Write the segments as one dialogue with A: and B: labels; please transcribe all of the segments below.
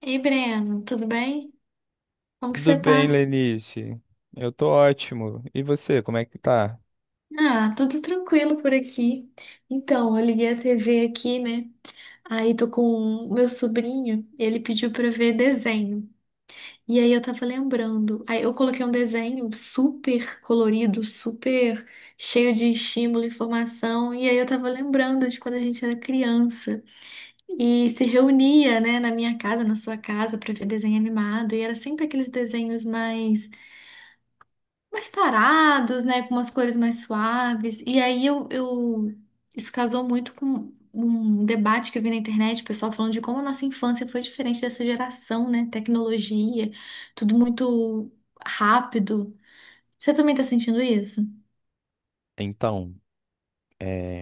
A: Ei, Breno, tudo bem? Como que
B: Tudo
A: você tá?
B: bem, Lenice? Eu tô ótimo. E você, como é que tá?
A: Ah, tudo tranquilo por aqui. Então, eu liguei a TV aqui, né? Aí tô com o meu sobrinho, ele pediu pra eu ver desenho. E aí eu tava lembrando. Aí eu coloquei um desenho super colorido, super cheio de estímulo e informação. E aí eu tava lembrando de quando a gente era criança e se reunia, né, na minha casa, na sua casa, pra ver desenho animado. E era sempre aqueles desenhos mais parados, né? Com umas cores mais suaves. E aí Isso casou muito com um debate que eu vi na internet, o pessoal falando de como a nossa infância foi diferente dessa geração, né? Tecnologia, tudo muito rápido. Você também tá sentindo isso?
B: Então, é,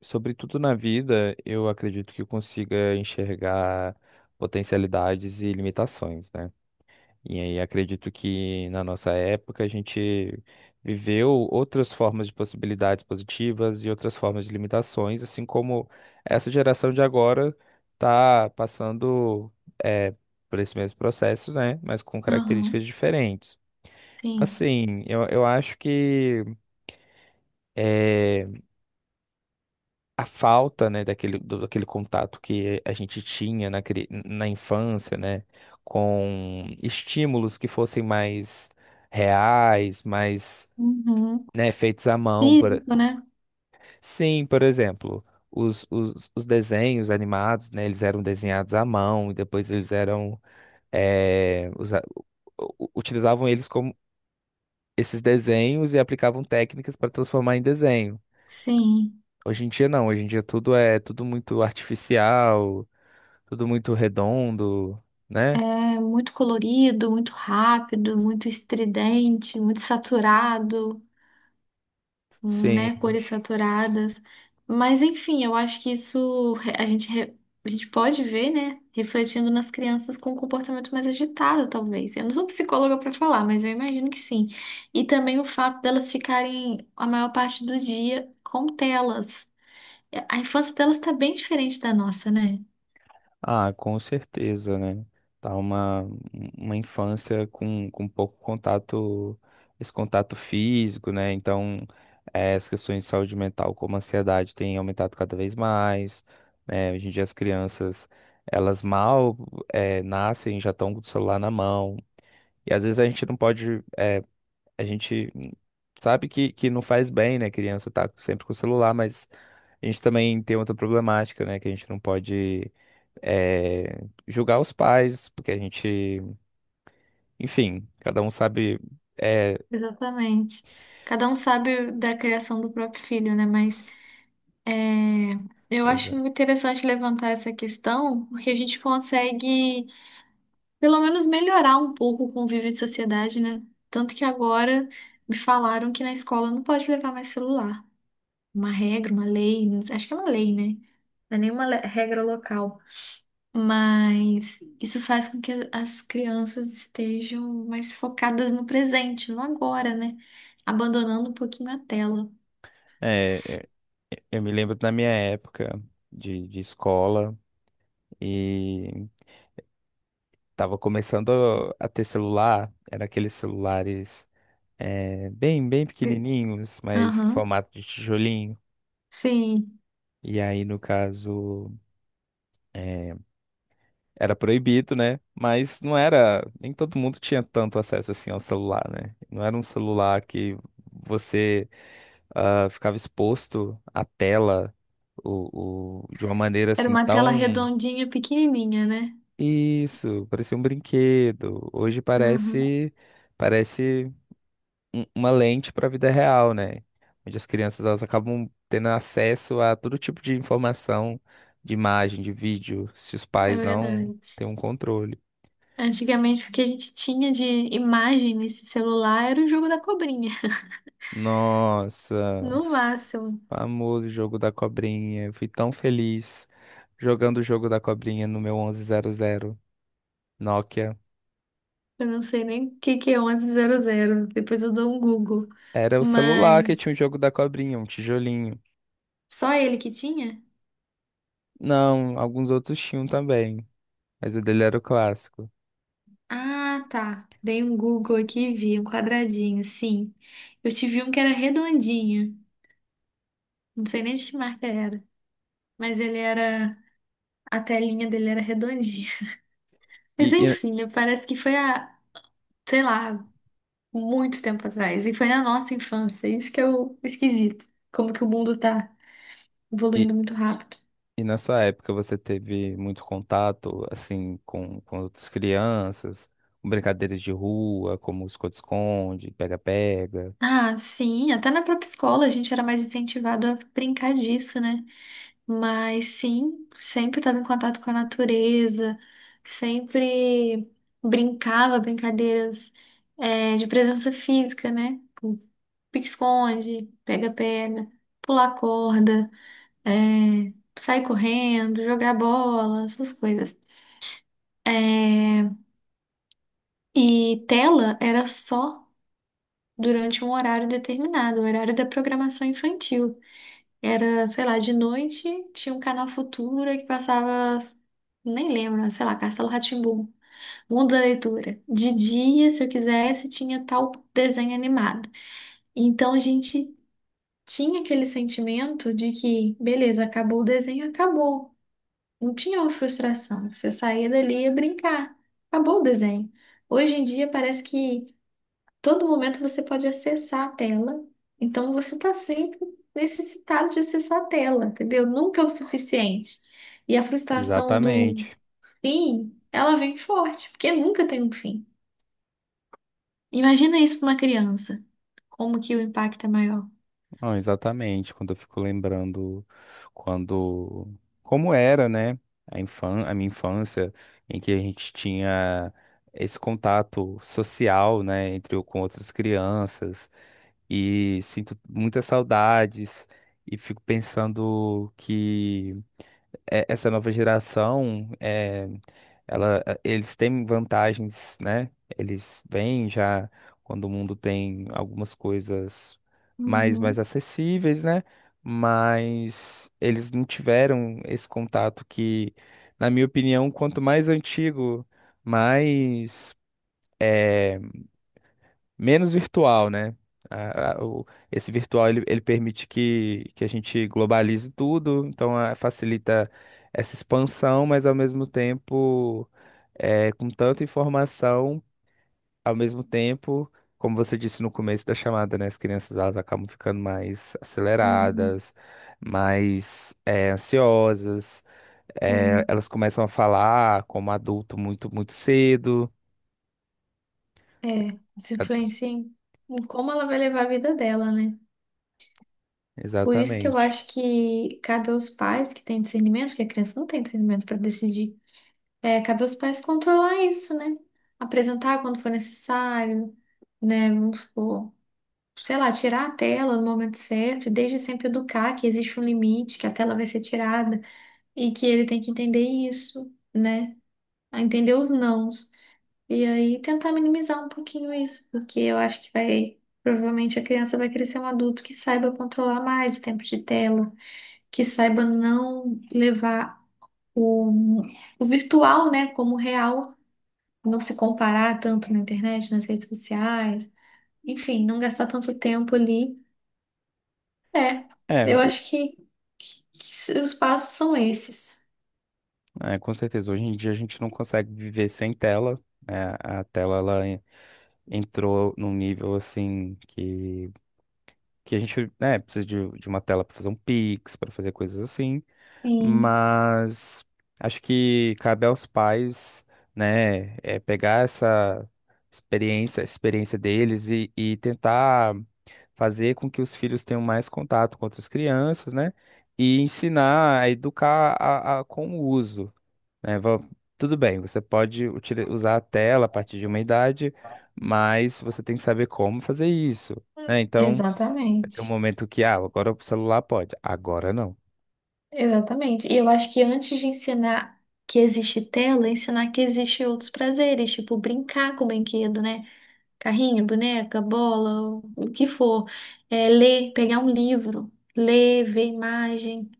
B: sobretudo na vida, eu acredito que eu consiga enxergar potencialidades e limitações, né? E aí acredito que na nossa época a gente viveu outras formas de possibilidades positivas e outras formas de limitações, assim como essa geração de agora está passando eh, por esse mesmo processo, né? Mas com características
A: Aham,
B: diferentes.
A: sim.
B: Assim, eu acho que é, a falta, né, daquele contato que a gente tinha na, na infância, né, com estímulos que fossem mais reais, mais,
A: Uhum.
B: né, feitos à mão. Por...
A: Físico, né?
B: Sim, por exemplo, os desenhos animados, né, eles eram desenhados à mão e depois eles eram, eh, usa- utilizavam eles como esses desenhos e aplicavam técnicas para transformar em desenho.
A: Sim.
B: Hoje em dia não, hoje em dia tudo é tudo muito artificial, tudo muito redondo, né?
A: É muito colorido, muito rápido, muito estridente, muito saturado. Né,
B: Sim.
A: cores saturadas. Mas enfim, eu acho que a gente, a gente pode ver, né, refletindo nas crianças com um comportamento mais agitado, talvez. Eu não sou psicóloga para falar, mas eu imagino que sim. E também o fato delas ficarem a maior parte do dia com telas. É, a infância delas está bem diferente da nossa, né?
B: Ah, com certeza, né? Tá uma infância com pouco contato, esse contato físico, né? Então, as questões de saúde mental, como a ansiedade, tem aumentado cada vez mais, né? Hoje em dia as crianças, elas mal, nascem, já estão com o celular na mão. E às vezes a gente não pode. A gente sabe que não faz bem, né? Criança tá sempre com o celular, mas a gente também tem outra problemática, né? Que a gente não pode eh, julgar os pais, porque a gente, enfim, cada um sabe. É,
A: Exatamente. Cada um sabe da criação do próprio filho, né? Mas é, eu acho
B: exa-
A: interessante levantar essa questão, porque a gente consegue pelo menos melhorar um pouco o convívio em sociedade, né? Tanto que agora me falaram que na escola não pode levar mais celular. Uma regra, uma lei, não sei- acho que é uma lei, né? Não é nenhuma regra local. Mas isso faz com que as crianças estejam mais focadas no presente, no agora, né? Abandonando um pouquinho a tela.
B: é, é, eu me lembro da minha época de escola e tava começando a ter celular, era aqueles celulares bem, bem
A: E-
B: pequenininhos, mas em
A: Aham,
B: formato de tijolinho.
A: sim.
B: E aí, no caso. é, era proibido, né? Mas não era, nem todo mundo tinha tanto acesso assim ao celular, né? Não era um celular que você ficava exposto à tela de uma maneira
A: Era
B: assim
A: uma tela
B: tão
A: redondinha, pequenininha, né?
B: isso, parecia um brinquedo. Hoje
A: Aham,
B: parece parece uma lente para a vida real, né? Onde as crianças elas acabam tendo acesso a todo tipo de informação, de imagem, de vídeo, se os
A: é
B: pais não
A: verdade.
B: têm um controle.
A: Antigamente, o que a gente tinha de imagem nesse celular era o jogo da cobrinha,
B: Nossa,
A: no máximo.
B: famoso jogo da cobrinha. Eu fui tão feliz jogando o jogo da cobrinha no meu 1100 Nokia.
A: Eu não sei nem o que que é onze zero. Depois eu dou um Google.
B: Era o celular
A: Mas
B: que tinha o jogo da cobrinha, um tijolinho.
A: só ele que tinha?
B: Não, alguns outros tinham também, mas o dele era o clássico.
A: Ah, tá. Dei um Google aqui e vi um quadradinho, sim. Eu tive um que era redondinho, não sei nem de que marca era, mas ele era, a telinha dele era redondinha. Mas
B: E, e,
A: enfim, né, parece que foi a, sei lá, muito tempo atrás. E foi na nossa infância. Isso que é o esquisito. Como que o mundo tá
B: e,
A: evoluindo muito rápido.
B: e na sua época você teve muito contato, assim, com outras crianças, com brincadeiras de rua, como esconde-esconde, pega-pega.
A: Ah, sim, até na própria escola a gente era mais incentivado a brincar disso, né? Mas sim, sempre estava em contato com a natureza, sempre brincava brincadeiras de presença física, né? Com pique-esconde, pega-pega, pular corda, eh, sair correndo, jogar bola, essas coisas. Eh, E tela era só durante um horário determinado, o horário da programação infantil. Era, sei lá, de noite, tinha um canal Futura que passava, nem lembro, sei lá, Castelo rá tim Mundo da Leitura. De dia, se eu quisesse, tinha tal desenho animado. Então a gente tinha aquele sentimento de que, beleza, acabou o desenho, acabou. Não tinha uma frustração. Você saía dali e ia brincar. Acabou o desenho. Hoje em dia parece que todo momento você pode acessar a tela, então você está sempre necessitado de acessar a tela, entendeu? Nunca é o suficiente. E a frustração do
B: Exatamente.
A: fim, ela vem forte, porque nunca tem um fim. Imagina isso para uma criança, como que o impacto é maior.
B: Não, exatamente, quando eu fico lembrando quando como era, né, a infan a minha infância em que a gente tinha esse contato social, né, entre eu com outras crianças e sinto muitas saudades e fico pensando que essa nova geração, ela, eles têm vantagens, né? Eles vêm já quando o mundo tem algumas coisas mais, mais
A: Uhum.
B: acessíveis, né? Mas eles não tiveram esse contato que, na minha opinião, quanto mais antigo, mais. é, menos virtual, né? A- a- o- esse virtual ele permite que a gente globalize tudo, então ah, facilita essa expansão, mas ao mesmo tempo, com tanta informação, ao mesmo tempo, como você disse no começo da chamada, né? As crianças elas acabam ficando mais
A: Uhum,
B: aceleradas, mais ansiosas,
A: sim.
B: elas começam a falar como adulto muito, muito cedo.
A: É, isso influencia em como ela vai levar a vida dela, né? Por isso que eu
B: Exatamente.
A: acho que cabe aos pais que têm discernimento, porque a criança não tem discernimento para decidir. É, cabe aos pais controlar isso, né? Apresentar quando for necessário, né? Vamos supor, sei lá, tirar a tela no momento certo, e desde sempre educar que existe um limite, que a tela vai ser tirada e que ele tem que entender isso, né? A entender os nãos. E aí tentar minimizar um pouquinho isso, porque eu acho que vai. Provavelmente a criança vai crescer um adulto que saiba controlar mais o tempo de tela, que saiba não levar o, o virtual, né, como real, não se comparar tanto na internet, nas redes sociais, enfim, não gastar tanto tempo ali. É,
B: É,
A: eu
B: o,
A: acho que, que os passos são esses.
B: É, com certeza. Hoje em dia a gente não consegue viver sem tela. Né? A tela ela entrou num nível assim que a gente, né, precisa de uma tela para fazer um Pix, para fazer coisas assim.
A: Sim,
B: Mas acho que cabe aos pais, né, é, pegar essa experiência, a experiência deles e tentar fazer com que os filhos tenham mais contato com outras crianças, né? E ensinar a educar com o uso né, tudo bem, você pode usar a tela a partir de uma idade, mas você tem que saber como fazer isso, né? Então, vai ter um
A: exatamente.
B: momento que, ah, agora o celular pode, agora não.
A: Exatamente. E eu acho que antes de ensinar que existe tela, ensinar que existe outros prazeres, tipo brincar com o brinquedo, né? Carrinho, boneca, bola, o que for. É, ler, pegar um livro, ler, ver imagem,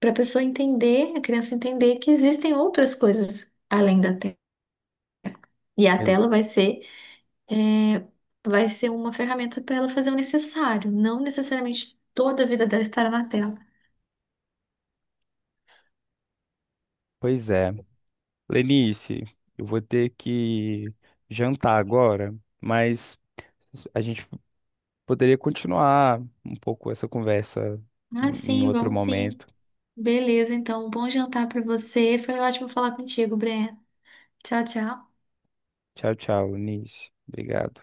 A: para a pessoa entender, a criança entender que existem outras coisas além da tela. E a
B: Ex-
A: tela vai ser, é, vai ser uma ferramenta para ela fazer o necessário, não necessariamente toda a vida dela estará na tela.
B: Pois é. Lenice, eu vou ter que jantar agora, mas a gente poderia continuar um pouco essa conversa
A: Ah,
B: em em
A: sim,
B: outro
A: vamos sim.
B: momento.
A: Beleza, então, bom jantar para você. Foi ótimo falar contigo, Breno. Tchau, tchau.
B: Tchau, tchau, Lenice. Obrigado.